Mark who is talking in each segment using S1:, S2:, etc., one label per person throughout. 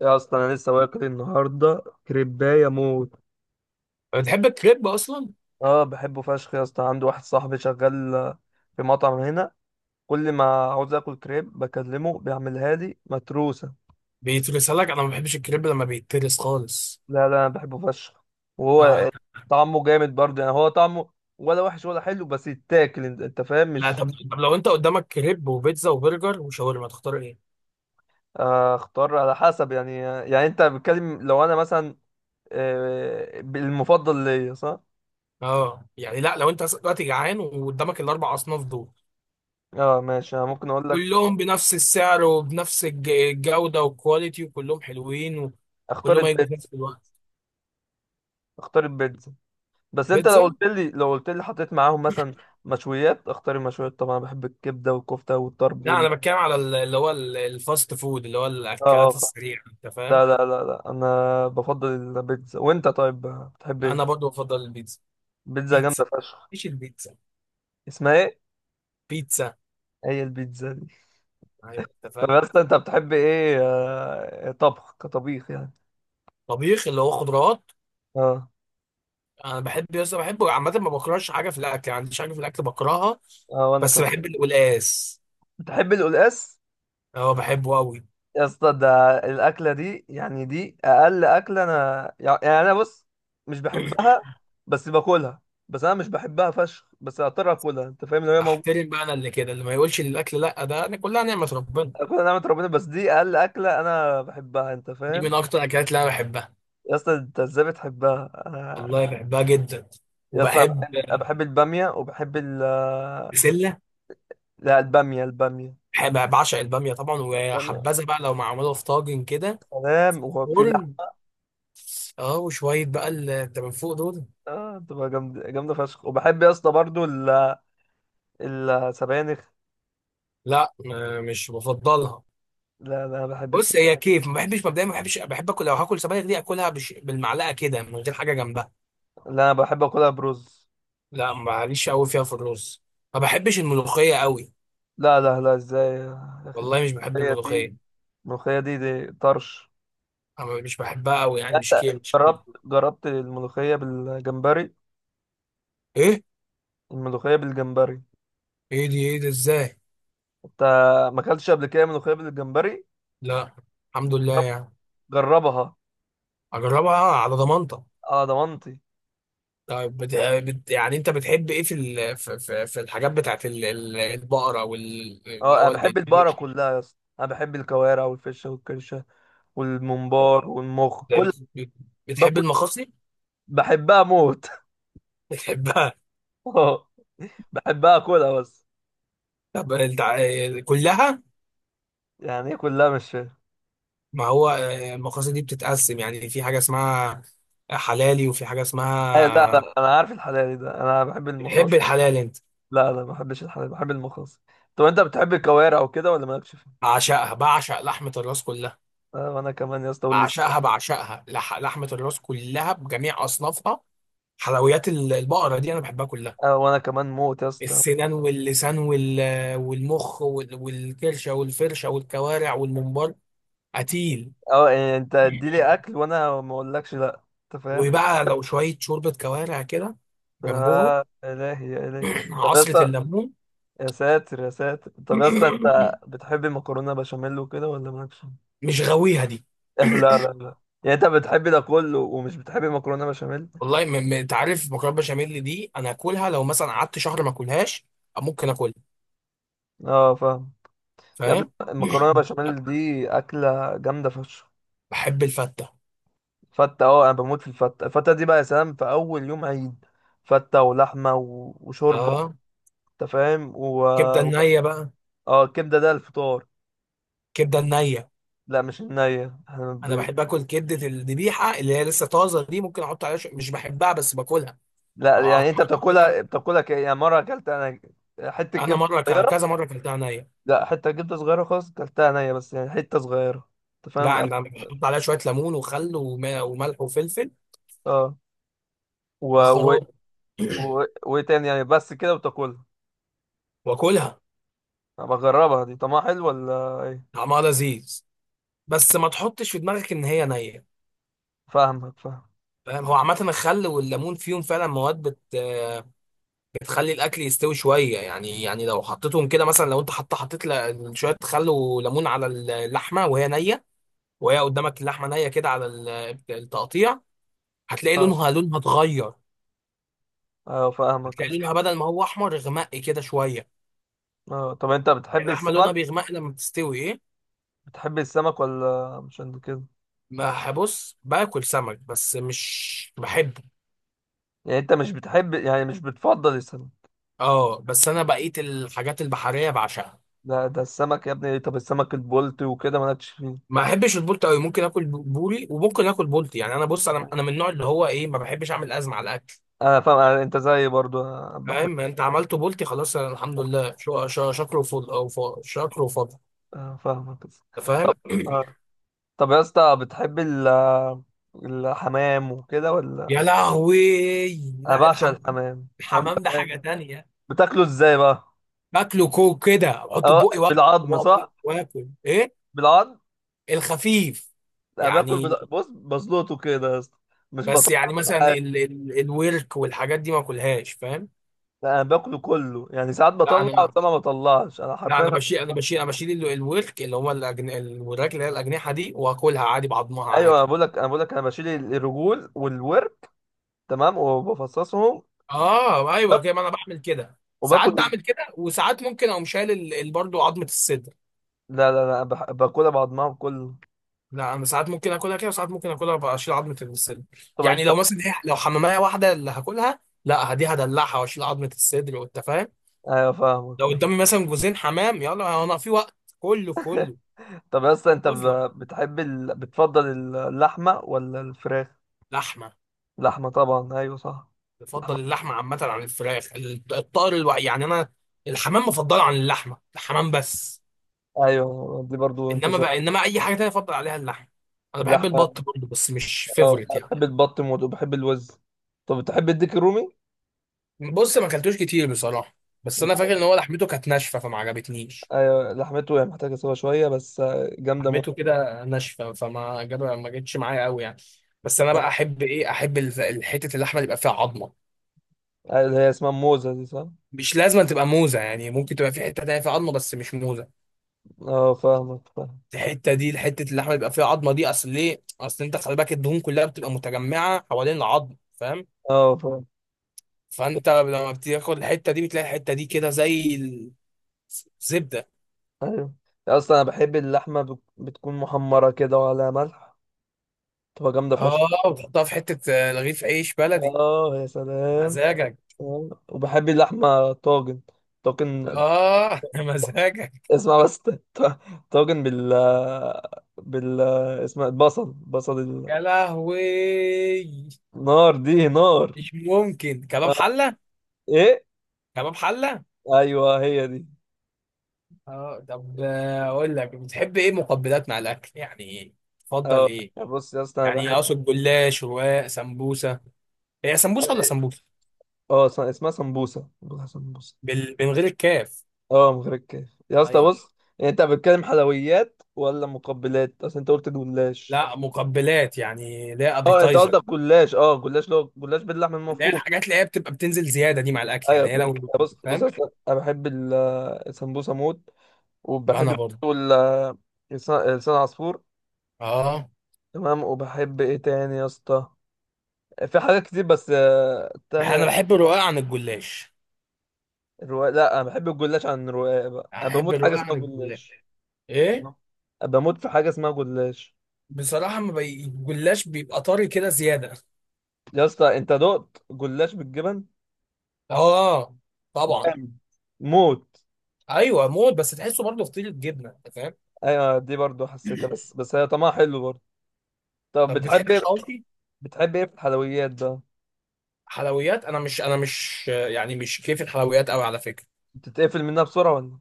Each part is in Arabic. S1: يا اسطى، انا لسه واكل النهارده كريبايه موت.
S2: بتحب الكريب اصلا؟
S1: اه، بحبه فشخ يا اسطى، عندي واحد صاحبي شغال، في مطعم هنا. كل ما عاوز اكل كريب بكلمه، بيعملها لي متروسه.
S2: بيترسها لك، انا ما بحبش الكريب لما بيترس خالص.
S1: لا، لا، انا بحبه فشخ،
S2: آه.
S1: وهو... طعمه جامد برضه، يعني هو طعمه ولا وحش ولا حلو، بس يتاكل. أنت فاهم،
S2: لا،
S1: مش...
S2: طب، لو انت قدامك كريب وبيتزا وبرجر وشاورما تختار ايه؟
S1: اختار على حسب. يعني انت بتكلم، لو انا مثلا... آه، المفضل ليا، صح؟
S2: اه يعني، لا لو انت دلوقتي جعان وقدامك الاربع اصناف دول
S1: اه، ماشي، انا ممكن اقول لك.
S2: كلهم بنفس السعر وبنفس الجودة والكواليتي وكلهم حلوين
S1: اختار
S2: وكلهم هيجوا في
S1: البيتزا.
S2: نفس الوقت.
S1: اختار البيتزا. بس انت لو
S2: البيتزا.
S1: قلت لي لو قلت لي حطيت معاهم مثلا مشويات، اختار المشويات طبعا. بحب الكبده والكفته والطرب
S2: لا،
S1: وال...
S2: انا بتكلم على اللي هو الفاست فود، اللي هو
S1: اه،
S2: الاكلات
S1: اه.
S2: السريعة، انت فاهم.
S1: لا، لا، لا، لا، انا بفضل البيتزا. وانت طيب، بتحب ايه؟
S2: انا برضو بفضل البيتزا.
S1: بيتزا جامده
S2: بيتزا.
S1: فشخ.
S2: مش البيتزا.
S1: اسمها ايه؟
S2: بيتزا.
S1: هي البيتزا دي.
S2: ايوه انت
S1: طب
S2: فاهم.
S1: يا اسطى، انت بتحب ايه طبخ كطبيخ يعني؟
S2: طبيخ اللي هو خضروات.
S1: اه.
S2: انا بحب بحبه عامه، ما بكرهش حاجه في الاكل يعني، ما عنديش حاجه في الاكل بكرهها.
S1: اه، وانا
S2: بس
S1: كمان.
S2: بحب القلقاس.
S1: بتحب القلقاس؟
S2: اه بحبه قوي.
S1: يا اسطى، ده الاكله دي يعني، دي اقل اكله انا، يعني انا بص... مش بحبها، بس باكلها. بس انا مش بحبها فشخ، بس اضطر اكلها، انت فاهم، لو هي موجوده.
S2: احترم بقى، انا اللي كده اللي ما يقولش للاكل لا، ده انا كلها نعمه ربنا.
S1: اكلها نعمه ربنا، بس دي اقل اكله انا بحبها، انت
S2: دي
S1: فاهم.
S2: من اكتر الاكلات اللي انا بحبها.
S1: يا اسطى انت ازاي بتحبها؟ انا...
S2: والله بحبها جدا.
S1: يا اسطى انا بحب...
S2: وبحب
S1: أنا بحب الباميه وبحب ال...
S2: بسله.
S1: لا، الباميه، الباميه.
S2: بعشق الباميه طبعا،
S1: الباميه،
S2: وحبذا بقى لو معموله في طاجن كده.
S1: سلام، وفي
S2: فرن.
S1: لحمه.
S2: اه، وشويه بقى اللي من فوق دول.
S1: بتبقى جامده جامده فشخ. وبحب يا اسطى برضو ال- السبانخ.
S2: لا، مش بفضلها.
S1: لا، لا، بحب.
S2: بص، هي كيف ما بحبش مبدئيا، ما بحبش بحب اكل، لو هاكل سبانخ دي اكلها بالمعلقه كده من غير حاجه جنبها.
S1: لا، انا بحب اكلها برز.
S2: لا، ماليش قوي فيها في الرز. ما بحبش الملوخيه قوي.
S1: لا، لا، لا، ازاي يا اخي؟
S2: والله مش بحب
S1: الملوخية دي.
S2: الملوخيه.
S1: الملوخية دي طرش.
S2: انا مش بحبها قوي يعني،
S1: يعني...
S2: مش كيف مش كيف.
S1: جربت الملوخية بالجمبري؟
S2: ايه؟
S1: الملوخية بالجمبري.
S2: ايه دي؟ ايه ده ازاي؟
S1: انت... ما اكلتش قبل كده ملوخية بالجمبري؟
S2: لا. الحمد لله يعني.
S1: جربها.
S2: اجربها على ضمانتك.
S1: اه، ضمنتي.
S2: طيب، يعني انت بتحب ايه في في الحاجات بتاعت البقره، اللي
S1: اه، انا
S2: هو
S1: بحب
S2: البيت؟
S1: البقرة كلها يا اسطى. انا بحب الكوارع والفشة والكرشة والممبار والمخ، كل...
S2: بتحب
S1: باكل.
S2: المخاصي؟
S1: بحبها موت.
S2: بتحبها؟
S1: اه. بحبها، اكلها بس.
S2: طب انت كلها.
S1: يعني إيه كلها؟ مش فاهم.
S2: ما هو المقاصد دي بتتقسم يعني، في حاجة اسمها حلالي وفي حاجة
S1: لا،
S2: اسمها...
S1: لا، انا عارف الحلال ده، انا بحب المخاص.
S2: بتحب الحلال انت؟
S1: لا، لا، ما بحبش الحلال، بحب المخلص. طب انت بتحب الكوارع وكده ولا مالكش فيها؟
S2: بعشقها، بعشق لحمة الراس كلها.
S1: آه، وانا كمان يا اسطى، واللي...
S2: بعشقها بعشقها، لحمة الراس كلها بجميع أصنافها. حلويات البقرة دي أنا بحبها كلها.
S1: آه، وانا كمان موت يا اسطى.
S2: السنان واللسان والمخ والكرشة والفرشة والكوارع والممبار. قتيل.
S1: اه، يعني انت اديلي اكل وانا ما اقولكش لا. انت فاهم؟ طب...
S2: وبقى لو شوية شوربة كوارع كده جنبهم.
S1: يا الهي، يا الهي. طب يا
S2: عصرة
S1: اسطى...
S2: الليمون.
S1: يا ساتر، يا ساتر. طب يا اسطى انت بتحب مكرونه بشاميل وكده ولا مالكش فيها؟
S2: مش غاويها دي.
S1: اه، لا، لا، لا. يعني انت بتحب ده كله ومش بتحب مكرونه بشاميل؟
S2: والله، انت عارف مكرونه بشاميل دي، انا اكلها لو مثلا قعدت شهر ما اكلهاش ممكن اكلها.
S1: اه، فاهم. يا ابني،
S2: فاهم.
S1: المكرونه بشاميل دي اكله جامده فشخ.
S2: بحب الفته.
S1: فتة، اه انا بموت في الفتة. الفتة دي بقى يا سلام في اول يوم عيد، فتة ولحمة و- وشوربة.
S2: اه،
S1: انت فاهم، و...
S2: كبده
S1: وبس.
S2: النيه بقى.
S1: اه، الكبدة ده الفطار.
S2: كبده النيه.
S1: لا، مش النية، احنا
S2: انا
S1: ب...
S2: بحب اكل كبده الذبيحه اللي هي لسه طازه، دي ممكن احط عليها مش بحبها بس باكلها.
S1: لا،
S2: اقطعها
S1: يعني انت
S2: كده.
S1: بتاكلها يعني مرة اكلت انا حتة
S2: انا
S1: كبدة
S2: مره كذا
S1: صغيرة.
S2: مره اكلتها نيه.
S1: لا، حتة كبدة صغيرة خالص، اكلتها نية، بس يعني حتة صغيرة. انت فاهم.
S2: لا، انا بحط عليها شويه ليمون وخل وملح وفلفل.
S1: اه، و... و...
S2: خراب.
S1: وايه تاني يعني؟ بس كده وتاكلها.
S2: واكلها.
S1: انا بجربها دي، طعمها حلو ولا ايه؟
S2: طعمها لذيذ، بس ما تحطش في دماغك ان هي نيه.
S1: فاهمك، فاهم.
S2: فاهم. هو عامة الخل والليمون فيهم فعلا مواد بتخلي الأكل يستوي شوية يعني لو حطيتهم كده، مثلا لو أنت حطيت شوية خل وليمون على اللحمة وهي نية، وهي قدامك اللحمة نية كده على التقطيع، هتلاقي
S1: اه،
S2: لونها اتغير.
S1: اه، فاهمك يا
S2: هتلاقي
S1: اسطى.
S2: لونها بدل ما هو أحمر غمقي كده شوية.
S1: اه، طب انت بتحب
S2: اللحمة لونها
S1: السمك؟
S2: بيغمق لما بتستوي، إيه.
S1: بتحب السمك ولا مش قد كده؟
S2: ما هبص باكل سمك بس مش بحبه.
S1: يعني انت مش بتحب، يعني مش بتفضل السمك.
S2: اه، بس أنا بقيت الحاجات البحرية بعشقها.
S1: لا، ده السمك يا ابني. طب السمك البولت وكده مالكش فيه؟
S2: ما احبش البولت قوي، ممكن اكل بوري وممكن اكل بولتي يعني. انا بص، انا من النوع اللي هو ايه، ما بحبش اعمل ازمه على الاكل.
S1: انا فاهم، انت زيي برضو، أنا بحب...
S2: فاهم يعني. انت عملته بولتي خلاص، أنا الحمد لله، شكر وفضل شكر وفضل.
S1: أنا فاهمك.
S2: انت فاهم.
S1: آه. طب يا اسطى، بتحب ال... الحمام وكده ولا...
S2: يا لهوي.
S1: انا
S2: لا
S1: بعشق
S2: الحمام،
S1: الحمام. الحمام ده
S2: الحمام ده حاجه
S1: فاهم.
S2: تانية.
S1: بتاكله ازاي بقى؟
S2: باكله كوك كده، احطه في
S1: اه،
S2: بقي،
S1: بالعظم، صح؟
S2: واكل ايه،
S1: بالعظم.
S2: الخفيف،
S1: انا باكل
S2: يعني.
S1: بص، بزلطه كده يا اسطى. مش
S2: بس
S1: بطلع.
S2: يعني مثلا ال ال الورك والحاجات دي ما اكلهاش، فاهم.
S1: لا، انا باكله كله، يعني ساعات بطلع
S2: لا انا
S1: وساعات ما بطلعش انا
S2: لا
S1: حرفيا.
S2: انا بشيل انا بشيل انا بشيل الورك اللي هو الوراك اللي هي الاجنحه دي، واكلها عادي بعضمها
S1: ايوه، انا
S2: عادي.
S1: بقول لك انا بقول لك انا بشيل الرجول والورك. تمام، وبفصصهم.
S2: اه ايوه كده، ما انا بعمل كده، ساعات
S1: وباكل...
S2: بعمل كده، وساعات ممكن اقوم شايل برضه عظمه الصدر.
S1: لا، لا، لا، باكلها بعضمها كله.
S2: لا انا ساعات ممكن اكلها كده، وساعات ممكن اكلها بقى اشيل عظمه الصدر.
S1: طب انت...
S2: يعني لو مثلا لو حماميه واحده اللي هاكلها، لا دي هدلعها واشيل عظمه الصدر، وانت فاهم.
S1: ايوه، فاهمك،
S2: لو
S1: فاهم.
S2: قدامي مثلا جوزين حمام، يلا انا في وقت كله في كله.
S1: طب اصلا، انت
S2: اظلم.
S1: بتحب بتفضل اللحمه ولا الفراخ؟
S2: لحمه.
S1: لحمه طبعا، ايوه، صح.
S2: بفضل
S1: لحمه.
S2: اللحمه عامه عن الفراخ، الطائر يعني انا الحمام مفضله عن اللحمه، الحمام بس.
S1: ايوه، دي برضو انت زي...
S2: انما اي حاجه تانية افضل عليها اللحمه. انا بحب
S1: اللحمه.
S2: البط برضه بس مش
S1: اه،
S2: فيفوريت
S1: أنا
S2: يعني.
S1: بحب البط موت وبحب الوز. طب بتحب الديك الرومي؟
S2: بص، ما اكلتوش كتير بصراحه، بس انا فاكر ان هو لحمته كانت ناشفه فما عجبتنيش.
S1: ايوه، لحمته هي محتاجه سوا شويه بس. جامده موت.
S2: لحمته كده ناشفه فما جاب ما جتش معايا قوي يعني. بس انا بقى احب احب حته اللحمه اللي يبقى فيها عظمه.
S1: اللي هي اسمها موزة دي، صح؟
S2: مش لازم تبقى موزه يعني، ممكن تبقى في حته تانية فيها عظمه، بس مش موزه.
S1: اه، فاهمك، فاهم.
S2: الحته دي، حته اللحمه بيبقى فيها عظمه دي، اصل انت خلي بالك الدهون كلها بتبقى متجمعه حوالين العظم، فاهم.
S1: اه، فاهم.
S2: فانت لما بتاخد الحته دي، بتلاقي الحته دي كده زي الزبده.
S1: ايوه. اصلا انا بحب اللحمة بتكون محمرة كده، وعلى ملح. تبقى جامدة
S2: اه،
S1: فشخ.
S2: وتحطها في حته، رغيف عيش بلدي.
S1: اه، يا سلام.
S2: مزاجك.
S1: آه. وبحب اللحمة طاجن. طاجن.
S2: اه مزاجك.
S1: اسمع بس طاجن بال... بال... اسمها البصل، بصل.
S2: يا لهوي.
S1: النار دي نار.
S2: مش ممكن، كباب
S1: آه.
S2: حله.
S1: ايه؟
S2: كباب حله.
S1: ايوه، هي دي.
S2: اه طب، اقول لك بتحب ايه مقبلات مع الاكل يعني، تفضل
S1: اه،
S2: ايه؟
S1: بص يا اسطى، انا
S2: يعني
S1: بحب...
S2: اقصد جلاش، رواق، سمبوسه. هي سمبوسه ولا سمبوسه؟
S1: اه، اسمها سمبوسة، بقولها سمبوسة.
S2: من غير الكاف.
S1: اه، متركز يا اسطى.
S2: ايوه.
S1: بص، يعني انت بتتكلم حلويات ولا مقبلات؟ اصل انت قلت جلاش.
S2: لا مقبلات يعني، لا
S1: اه، انت
S2: ابيتايزر.
S1: قصدك جلاش؟ اه، جلاش، لو جلاش باللحم
S2: اللي هي
S1: المفروم.
S2: الحاجات اللي هي بتبقى بتنزل زياده دي مع الاكل
S1: ايوه،
S2: يعني، هي
S1: فهمت.
S2: لو...
S1: بص بص يا
S2: فاهم.
S1: اسطى، انا بحب ال- السمبوسه موت.
S2: ما
S1: وبحب
S2: انا برضه.
S1: برضه ال- لسان عصفور.
S2: اه،
S1: تمام، وبحب ايه تاني يا اسطى؟ في حاجات كتير، بس
S2: انا
S1: تاه.
S2: بحب الرقاق عن الجلاش.
S1: الرواق؟ لا، انا بحب الجلاش عن الرواق بقى. انا
S2: احب
S1: بموت حاجه
S2: الرقاق
S1: اسمها
S2: عن الجلاش.
S1: جلاش.
S2: ايه؟
S1: بموت في حاجه اسمها جلاش.
S2: بصراحه، ما بي... الجلاش بيبقى طري كده زياده.
S1: يا اسطى انت دقت جلاش بالجبن؟
S2: اه. طبعا.
S1: جامد. موت.
S2: ايوه موت، بس تحسه برضه فطيره جبنه، انت فاهم.
S1: ايوه، دي برضو حسيتها، بس هي طعمها حلو برضو. طب
S2: طب
S1: بتحب
S2: بتحب
S1: ايه؟
S2: الحواوشي؟
S1: بتحب ايه في الحلويات بقى؟
S2: حلويات، انا مش يعني مش كيف الحلويات قوي على فكره.
S1: بتتقفل منها بسرعة ولا...؟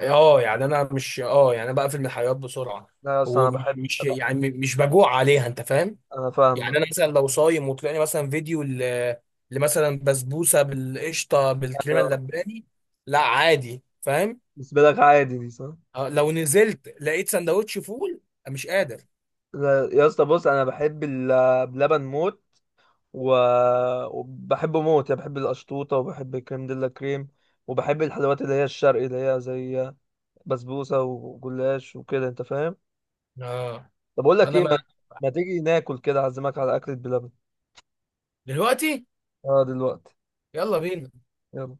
S2: اه يعني، انا بقفل من الحلويات بسرعه،
S1: لا، اصلا انا بحب...
S2: ومش، مش يعني مش بجوع عليها، انت فاهم.
S1: انا
S2: يعني
S1: فاهمك.
S2: انا مثلا لو صايم وطلعني مثلا فيديو لمثلا بسبوسه بالقشطه بالكريمه
S1: أيوة.
S2: اللباني، لا عادي. فاهم.
S1: بالنسبة لك عادي دي، صح؟
S2: لو نزلت لقيت سندوتش فول، مش قادر.
S1: لا، يا اسطى، بص، انا بحب بلبن موت. و... وبحبه موت، يعني بحب القشطوطة وبحب الكريم ديلا كريم. وبحب الحلويات اللي هي الشرقي، اللي هي زي بسبوسة وجلاش وكده، انت فاهم.
S2: اه
S1: طب اقول لك
S2: انا،
S1: ايه؟
S2: ما
S1: ما... ما تيجي ناكل كده، اعزمك على اكلة بلبن.
S2: دلوقتي.
S1: اه، دلوقتي.
S2: يلا بينا.
S1: يلا.